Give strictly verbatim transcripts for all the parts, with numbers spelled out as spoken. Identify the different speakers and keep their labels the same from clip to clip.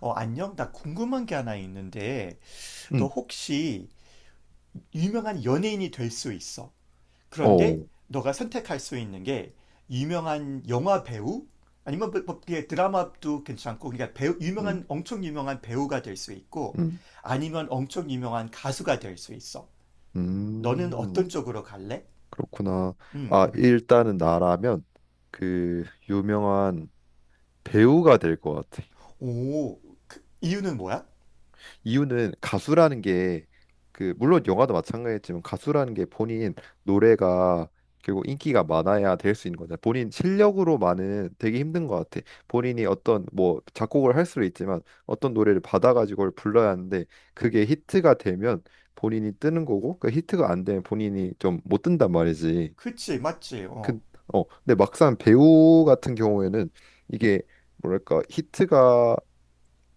Speaker 1: 어, 안녕. 나 궁금한 게 하나 있는데, 너
Speaker 2: 음,
Speaker 1: 혹시 유명한 연예인이 될 수 있어.
Speaker 2: 어,
Speaker 1: 그런데 너가 선택할 수 있는 게 유명한 영화 배우? 아니면 뭐, 뭐, 그게 드라마도 괜찮고, 그러니까 배우, 유명한,
Speaker 2: 음,
Speaker 1: 엄청 유명한 배우가 될 수 있고,
Speaker 2: 음,
Speaker 1: 아니면 엄청 유명한 가수가 될 수 있어. 너는 어떤
Speaker 2: 음,
Speaker 1: 쪽으로 갈래?
Speaker 2: 그렇구나.
Speaker 1: 음.
Speaker 2: 아, 일단은 나라면 그 유명한 배우가 될 것 같아.
Speaker 1: 오, 그 이유는 뭐야?
Speaker 2: 이유는 가수라는 게 그 물론 영화도 마찬가지지만 가수라는 게 본인 노래가 결국 인기가 많아야 될 수 있는 거잖아. 본인 실력으로만은 되게 힘든 것 같아. 본인이 어떤 뭐 작곡을 할 수도 있지만 어떤 노래를 받아가지고 그걸 불러야 하는데 그게 히트가 되면 본인이 뜨는 거고 그 히트가 안 되면 본인이 좀 못 뜬단 말이지.
Speaker 1: 그치, 맞지,
Speaker 2: 그,
Speaker 1: 어.
Speaker 2: 어, 근데 막상 배우 같은 경우에는 이게 뭐랄까 히트가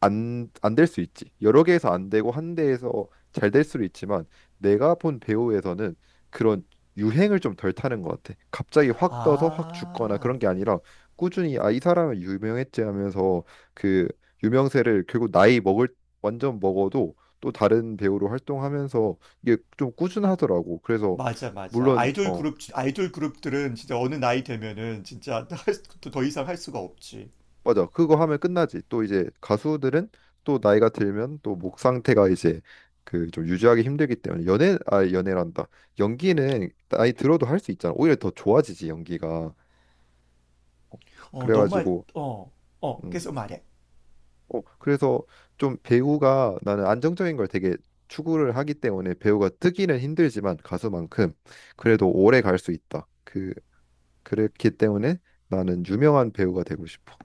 Speaker 2: 안, 안 될 수 있지. 여러 개에서 안 되고 한 대에서 잘 될 수도 있지만 내가 본 배우에서는 그런 유행을 좀 덜 타는 것 같아. 갑자기 확 떠서 확 죽거나
Speaker 1: 아.
Speaker 2: 그런 게 아니라 꾸준히 아, 이 사람은 유명했지 하면서 그 유명세를 결국 나이 먹을 완전 먹어도 또 다른 배우로 활동하면서 이게 좀 꾸준하더라고. 그래서
Speaker 1: 맞아, 맞아.
Speaker 2: 물론
Speaker 1: 아이돌
Speaker 2: 어,
Speaker 1: 그룹, 아이돌 그룹들은 진짜 어느 나이 되면은 진짜 할 수- 또더 이상 할 수가 없지.
Speaker 2: 맞아. 그거 하면 끝나지. 또 이제 가수들은 또 나이가 들면 또 목 상태가 이제 그 좀 유지하기 힘들기 때문에 연애 아 연애란다. 연기는 나이 들어도 할 수 있잖아. 오히려 더 좋아지지 연기가.
Speaker 1: 어, 너 말,
Speaker 2: 그래가지고
Speaker 1: 어, 어,
Speaker 2: 음.
Speaker 1: 계속 말해.
Speaker 2: 어 그래서 좀 배우가 나는 안정적인 걸 되게 추구를 하기 때문에 배우가 뜨기는 힘들지만 가수만큼 그래도 오래 갈 수 있다. 그 그렇기 때문에 나는 유명한 배우가 되고 싶어.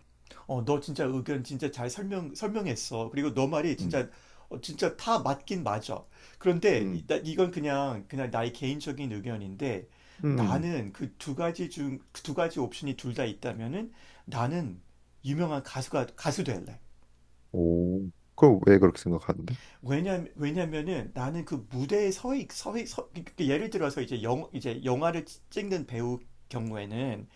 Speaker 1: 어, 너 진짜 의견 진짜 잘 설명, 설명했어. 그리고 너 말이
Speaker 2: 음.
Speaker 1: 진짜, 어, 진짜 다 맞긴 맞아. 그런데 이-
Speaker 2: 음.
Speaker 1: 나- 이건 그냥, 그냥 나의 개인적인 의견인데
Speaker 2: 음.
Speaker 1: 나는 그 두 가지 중, 그 두 가지 옵션이 둘 다 있다면은 나는 유명한 가수가, 가수 될래.
Speaker 2: 오, 그럼 왜 그렇게 생각하는데?
Speaker 1: 왜냐 왜냐면은 나는 그 무대에 서 있, 서, 있- 서 그러니까 예를 들어서 이제 영 이제 영화를 찍는 배우 경우에는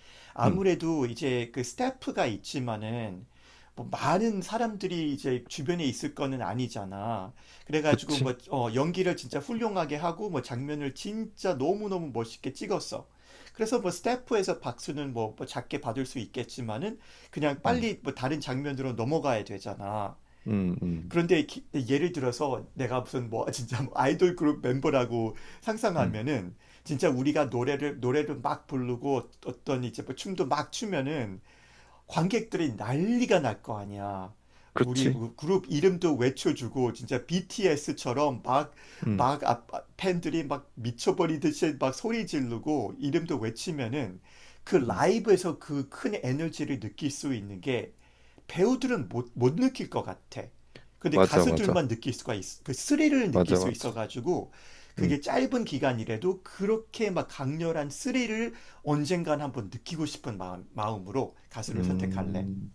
Speaker 2: 음,
Speaker 1: 아무래도 이제 그 스태프가 있지만은 뭐 많은 사람들이 이제 주변에 있을 거는 아니잖아. 그래가지고
Speaker 2: 그치?
Speaker 1: 뭐 어, 연기를 진짜 훌륭하게 하고 뭐 장면을 진짜 너무너무 멋있게 찍었어. 그래서 뭐 스태프에서 박수는 뭐, 뭐 작게 받을 수 있겠지만은 그냥
Speaker 2: 음,
Speaker 1: 빨리 뭐 다른 장면으로 넘어가야 되잖아.
Speaker 2: 음, 음,
Speaker 1: 그런데 예를 들어서 내가 무슨 뭐 진짜 뭐 아이돌 그룹 멤버라고
Speaker 2: 음,
Speaker 1: 상상하면은 진짜 우리가 노래를 노래를 막 부르고 어떤 이제 뭐 춤도 막 추면은 관객들이 난리가 날 거 아니야. 우리
Speaker 2: 그치?
Speaker 1: 그룹 이름도 외쳐주고 진짜 비티에스처럼
Speaker 2: 음,
Speaker 1: 막막 팬들이 막 미쳐버리듯이 막 소리 지르고 이름도 외치면은 그
Speaker 2: 음,
Speaker 1: 라이브에서 그 큰 에너지를 느낄 수 있는 게 배우들은 못, 못 느낄 것 같아. 근데
Speaker 2: 맞아, 맞아,
Speaker 1: 가수들만 느낄 수가 있, 그 스릴을 느낄
Speaker 2: 맞아,
Speaker 1: 수
Speaker 2: 맞아.
Speaker 1: 있어가지고
Speaker 2: 음,
Speaker 1: 그게 짧은 기간이라도 그렇게 막 강렬한 스릴을 언젠간 한번 느끼고 싶은 마음, 마음으로 가수를 선택할래.
Speaker 2: 음,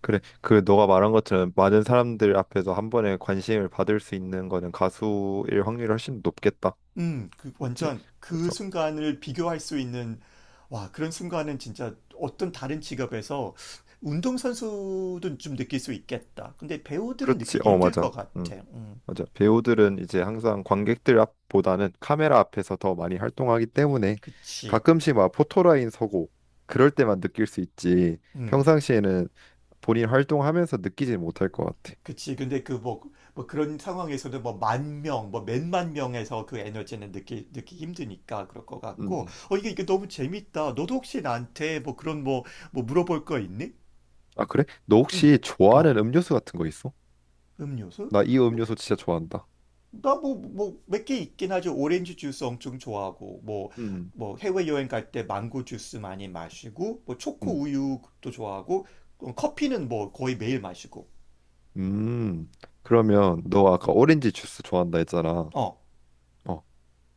Speaker 2: 그래. 그 너가 말한 것처럼 많은 사람들 앞에서 한 번에 관심을 받을 수 있는 거는 가수일 확률이 훨씬 높겠다.
Speaker 1: 음, 그
Speaker 2: 그치?
Speaker 1: 완전 그
Speaker 2: 그래서
Speaker 1: 순간을 비교할 수 있는 와, 그런 순간은 진짜 어떤 다른 직업에서 운동선수도 좀 느낄 수 있겠다. 근데 배우들은
Speaker 2: 그렇지.
Speaker 1: 느끼기
Speaker 2: 어,
Speaker 1: 힘들
Speaker 2: 맞아.
Speaker 1: 것
Speaker 2: 응.
Speaker 1: 같아. 음,
Speaker 2: 맞아. 배우들은 이제 항상 관객들 앞보다는 카메라 앞에서 더 많이 활동하기 때문에
Speaker 1: 그치.
Speaker 2: 가끔씩 막 포토라인 서고 그럴 때만 느낄 수 있지.
Speaker 1: 음.
Speaker 2: 평상시에는 본인 활동하면서 느끼지 못할 것 같아.
Speaker 1: 그치. 근데 그 뭐, 뭐 그런 상황에서는 뭐 만 명, 뭐 몇만 명에서 그 에너지는 느끼, 느끼 힘드니까 그럴 것
Speaker 2: 음.
Speaker 1: 같고.
Speaker 2: 음.
Speaker 1: 어, 이게, 이게 너무 재밌다. 너도 혹시 나한테 뭐 그런 뭐, 뭐 물어볼 거 있니?
Speaker 2: 아, 그래? 너
Speaker 1: 응.
Speaker 2: 혹시
Speaker 1: 어,
Speaker 2: 좋아하는 음료수 같은 거 있어?
Speaker 1: 음료수?
Speaker 2: 나 이
Speaker 1: 뭐,
Speaker 2: 음료수 진짜 좋아한다.
Speaker 1: 나 뭐, 뭐 몇 개 있긴 하죠. 오렌지 주스 엄청 좋아하고, 뭐,
Speaker 2: 음.
Speaker 1: 뭐 해외여행 갈 때 망고 주스 많이 마시고, 뭐 초코
Speaker 2: 음.
Speaker 1: 우유도 좋아하고, 어, 커피는 뭐 거의 매일 마시고.
Speaker 2: 음. 음. 그러면 너 아까 오렌지 주스 좋아한다 했잖아.
Speaker 1: 어.
Speaker 2: 어.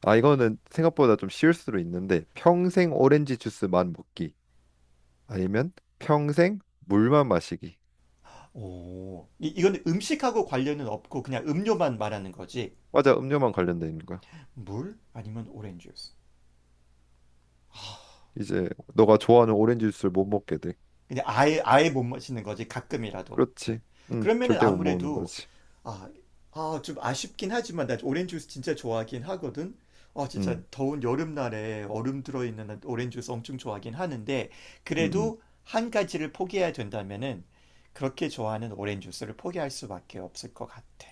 Speaker 2: 아, 이거는 생각보다 좀 쉬울 수도 있는데 평생 오렌지 주스만 먹기. 아니면 평생 물만 마시기.
Speaker 1: 오, 이, 이건 음식하고 관련은 없고 그냥 음료만 말하는 거지.
Speaker 2: 과자 음료만 관련돼 있는 거야.
Speaker 1: 물 아니면 오렌지 주스.
Speaker 2: 이제 너가 좋아하는 오렌지 주스를 못 먹게 돼.
Speaker 1: 근데 아예 아예 못 마시는 거지 가끔이라도.
Speaker 2: 그렇지. 응,
Speaker 1: 그러면은
Speaker 2: 절대 못 먹는
Speaker 1: 아무래도
Speaker 2: 거지.
Speaker 1: 아, 아, 좀 아쉽긴 하지만 나 오렌지 주스 진짜 좋아하긴 하거든. 아, 진짜
Speaker 2: 응,
Speaker 1: 더운 여름날에 얼음 들어있는 오렌지 주스 엄청 좋아하긴 하는데
Speaker 2: 응, 응.
Speaker 1: 그래도 한 가지를 포기해야 된다면은 그렇게 좋아하는 오렌지 주스를 포기할 수밖에 없을 것 같아.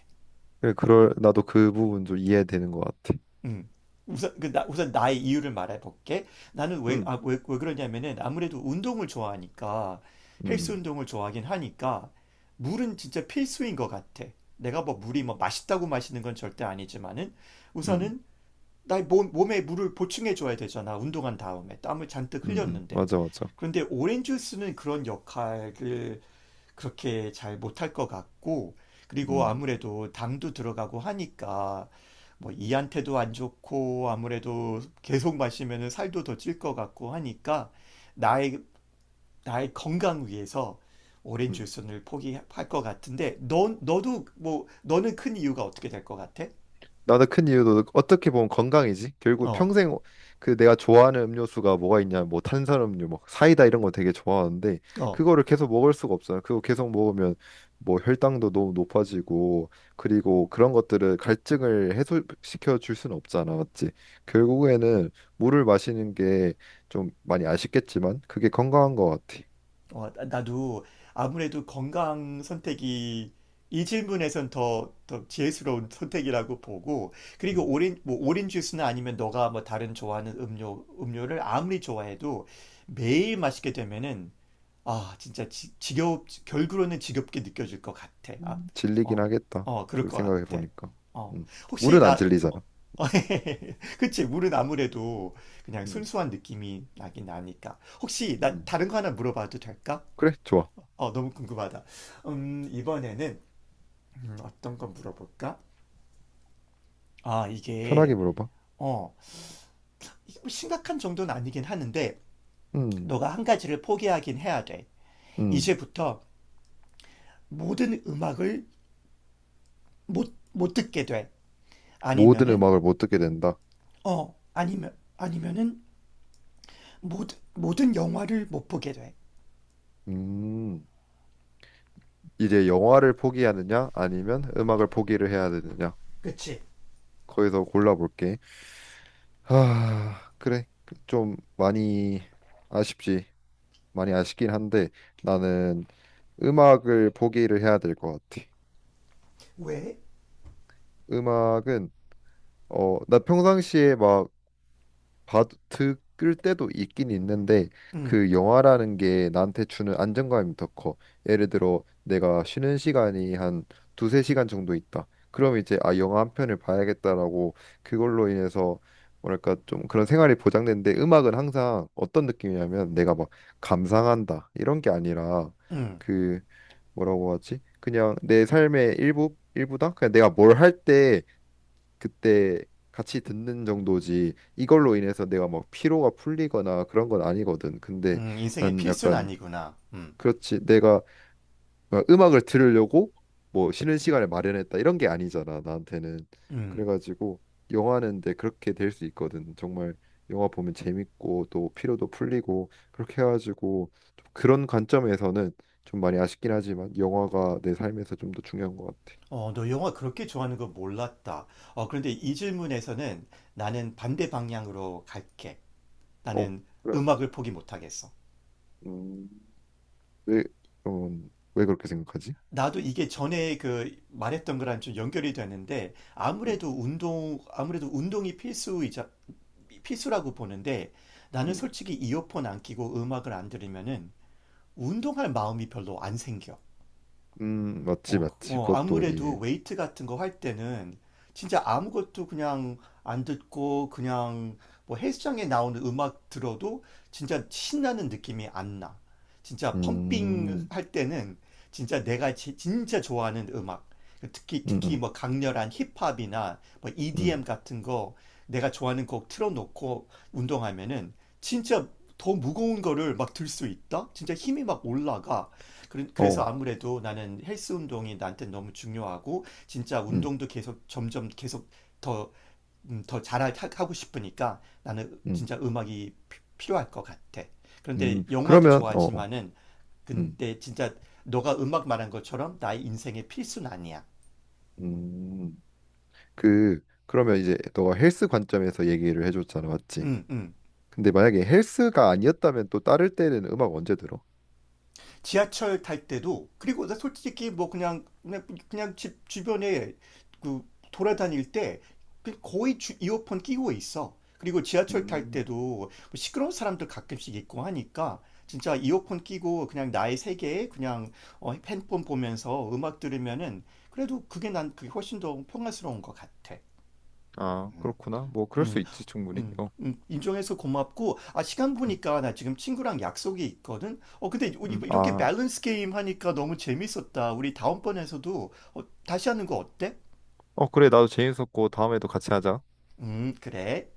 Speaker 2: 그래, 그럴 나도 그 부분 좀 이해되는 것 같아.
Speaker 1: 음. 우선, 그 나, 우선 나의 이유를 말해볼게. 나는 왜,
Speaker 2: 응,
Speaker 1: 아, 왜, 왜 그러냐면은 아무래도 운동을 좋아하니까 헬스
Speaker 2: 응,
Speaker 1: 운동을 좋아하긴 하니까 물은 진짜 필수인 것 같아. 내가 뭐 물이 뭐 맛있다고 마시는 건 절대 아니지만은
Speaker 2: 응,
Speaker 1: 우선은 나의 몸, 몸에 물을 보충해줘야 되잖아. 운동한 다음에 땀을 잔뜩
Speaker 2: 응, 응,
Speaker 1: 흘렸는데.
Speaker 2: 맞아, 맞아.
Speaker 1: 그런데 오렌지 주스는 그런 역할을 그렇게 잘 못할 것 같고, 그리고
Speaker 2: 응,
Speaker 1: 아무래도 당도 들어가고 하니까, 뭐, 이한테도 안 좋고, 아무래도 계속 마시면은 살도 더 찔 것 같고 하니까, 나의, 나의 건강 위해서 오렌지
Speaker 2: 응.
Speaker 1: 주스를 포기할 것 같은데, 너 너도 뭐, 너는 큰 이유가 어떻게 될 것 같아?
Speaker 2: 나도 큰 이유도 어떻게 보면 건강이지. 결국
Speaker 1: 어,
Speaker 2: 평생 그 내가 좋아하는 음료수가 뭐가 있냐, 뭐 탄산음료, 뭐 사이다 이런 거 되게 좋아하는데
Speaker 1: 어.
Speaker 2: 그거를 계속 먹을 수가 없어요. 그거 계속 먹으면 뭐 혈당도 너무 높아지고 그리고 그런 것들을 갈증을 해소시켜 줄 수는 없잖아, 맞지? 결국에는 물을 마시는 게 좀 많이 아쉽겠지만 그게 건강한 것 같아.
Speaker 1: 어, 나- 나도 아무래도 건강 선택이 이 질문에선 더, 더 지혜스러운 선택이라고 보고, 그리고
Speaker 2: 음,
Speaker 1: 오렌, 뭐 오렌지 주스나 아니면 너가 뭐 다른 좋아하는 음료, 음료를 아무리 좋아해도 매일 마시게 되면은, 아, 진짜 지, 지겹, 결국으로는 지겹게 느껴질 것 같아. 아,
Speaker 2: 음. 질리긴
Speaker 1: 어,
Speaker 2: 하겠다.
Speaker 1: 어, 그럴
Speaker 2: 그리고
Speaker 1: 것
Speaker 2: 생각해
Speaker 1: 같아.
Speaker 2: 보니까,
Speaker 1: 어,
Speaker 2: 음,
Speaker 1: 혹시
Speaker 2: 물은 안
Speaker 1: 나, 어,
Speaker 2: 질리잖아.
Speaker 1: 어, 그치, 물은 아무래도 그냥
Speaker 2: 음,
Speaker 1: 순수한 느낌이 나긴 나니까. 혹시 나
Speaker 2: 음.
Speaker 1: 다른 거 하나 물어봐도 될까?
Speaker 2: 그래, 좋아.
Speaker 1: 어, 너무 궁금하다. 음, 이번에는 음, 어떤 거 물어볼까? 아,
Speaker 2: 편하게
Speaker 1: 이게
Speaker 2: 물어봐.
Speaker 1: 어, 이게 뭐 심각한 정도는 아니긴 하는데
Speaker 2: 음,
Speaker 1: 너가 한 가지를 포기하긴 해야 돼.
Speaker 2: 음.
Speaker 1: 이제부터 모든 음악을 못, 못 듣게 돼.
Speaker 2: 모든
Speaker 1: 아니면은
Speaker 2: 음악을 못 듣게 된다.
Speaker 1: 어, 아니면 아니면은 모든 모든 영화를 못 보게 돼.
Speaker 2: 음, 이제 영화를 포기하느냐, 아니면 음악을 포기를 해야 되느냐.
Speaker 1: 그치?
Speaker 2: 거기서 골라볼게. 아, 그래. 좀 많이 아쉽지. 많이 아쉽긴 한데 나는 음악을 포기를 해야 될 것 같아.
Speaker 1: 왜?
Speaker 2: 음악은 어, 나 평상시에 막 봐도 끌 때도 있긴 있는데
Speaker 1: 음,
Speaker 2: 그 영화라는 게 나한테 주는 안정감이 더 커. 예를 들어 내가 쉬는 시간이 한 두세 시간 정도 있다. 그럼 이제 아 영화 한 편을 봐야겠다라고 그걸로 인해서 뭐랄까 좀 그런 생활이 보장되는데 음악은 항상 어떤 느낌이냐면 내가 막 감상한다 이런 게 아니라
Speaker 1: 음,
Speaker 2: 그 뭐라고 하지? 그냥 내 삶의 일부 일부다. 그냥 내가 뭘할때 그때 같이 듣는 정도지 이걸로 인해서 내가 막 피로가 풀리거나 그런 건 아니거든. 근데
Speaker 1: 음, 인생의
Speaker 2: 난
Speaker 1: 필수는
Speaker 2: 약간
Speaker 1: 아니구나. 음,
Speaker 2: 그렇지 내가 막 음악을 들으려고 뭐 쉬는 시간을 마련했다 이런 게 아니잖아 나한테는.
Speaker 1: 음.
Speaker 2: 그래가지고 영화는 데 그렇게 될 수 있거든. 정말 영화 보면 재밌고 또 피로도 풀리고 그렇게 해가지고 좀 그런 관점에서는 좀 많이 아쉽긴 하지만 영화가 내 삶에서 좀 더 중요한 것 같아.
Speaker 1: 어, 너 영화 그렇게 좋아하는 거 몰랐다. 어, 그런데 이 질문에서는 나는 반대 방향으로 갈게.
Speaker 2: 어
Speaker 1: 나는
Speaker 2: 그래.
Speaker 1: 음악을 포기 못하겠어.
Speaker 2: 음. 왜, 음, 왜 그렇게 생각하지?
Speaker 1: 나도 이게 전에 그 말했던 거랑 좀 연결이 되는데
Speaker 2: 음,
Speaker 1: 아무래도 운동, 아무래도 운동이 필수이자, 필수라고 보는데 나는
Speaker 2: 음,
Speaker 1: 솔직히 이어폰 안 끼고 음악을 안 들으면은 운동할 마음이 별로 안 생겨.
Speaker 2: 음, 맞지,
Speaker 1: 어, 그-
Speaker 2: 맞지.
Speaker 1: 어,
Speaker 2: 그것도
Speaker 1: 아무래도
Speaker 2: 이해.
Speaker 1: 웨이트 같은 거 할 때는 진짜 아무것도 그냥 안 듣고 그냥 뭐 헬스장에 나오는 음악 들어도 진짜 신나는 느낌이 안 나. 진짜 펌핑
Speaker 2: 음,
Speaker 1: 할 때는 진짜 내가 지- 진짜 좋아하는 음악. 특히
Speaker 2: 음,
Speaker 1: 특히
Speaker 2: 음,
Speaker 1: 뭐 강렬한 힙합이나 뭐 이디엠
Speaker 2: 음,
Speaker 1: 같은 거 내가 좋아하는 곡 틀어놓고 운동하면은 진짜 더 무거운 거를 막 들 수 있다? 진짜 힘이 막 올라가. 그래- 서
Speaker 2: 어,
Speaker 1: 아무래도 나는 헬스 운동이 나한테 너무 중요하고 진짜
Speaker 2: 음,
Speaker 1: 운동도 계속 점점 계속 더, 음, 더 잘하고 싶으니까 나는
Speaker 2: 음,
Speaker 1: 진짜 음악이 피- 필요할 것 같아. 그런데
Speaker 2: 음.
Speaker 1: 영화도
Speaker 2: 그러면, 어, 어,
Speaker 1: 좋아하지만은
Speaker 2: 음,
Speaker 1: 근데 진짜 너가 음악 말한 것처럼 나의 인생의 필수는 아니야.
Speaker 2: 음. 그, 그러면 이제 너가 헬스 관점에서 얘기를 해줬잖아, 맞지?
Speaker 1: 음, 음.
Speaker 2: 근데 만약에 헬스가 아니었다면 또 따를 때는 음악 언제 들어?
Speaker 1: 지하철 탈 때도 그리고 나 솔직히 뭐 그냥 그냥, 그냥 집 주변에 그 돌아다닐 때 그 거의 주- 이어폰 끼고 있어. 그리고 지하철 탈
Speaker 2: 음,
Speaker 1: 때도 뭐 시끄러운 사람들 가끔씩 있고 하니까 진짜 이어폰 끼고 그냥 나의 세계에 그냥 어, 핸드폰 보면서 음악 들으면은 그래도 그게 난 그게 훨씬 더 평화스러운 것 같아.
Speaker 2: 아,
Speaker 1: 음.
Speaker 2: 그렇구나. 뭐, 그럴 수
Speaker 1: 음,
Speaker 2: 있지, 충분히.
Speaker 1: 음,
Speaker 2: 어,
Speaker 1: 음, 인정해서 고맙고, 아, 시간
Speaker 2: 음,
Speaker 1: 보니까 나 지금 친구랑 약속이 있거든? 어, 근데 이-
Speaker 2: 음,
Speaker 1: 이렇게
Speaker 2: 아,
Speaker 1: 밸런스 게임 하니까 너무 재밌었다. 우리 다음번에서도 어, 다시 하는 거 어때?
Speaker 2: 어, 그래, 나도 재밌었고, 다음에도 같이 하자.
Speaker 1: 음, 그래.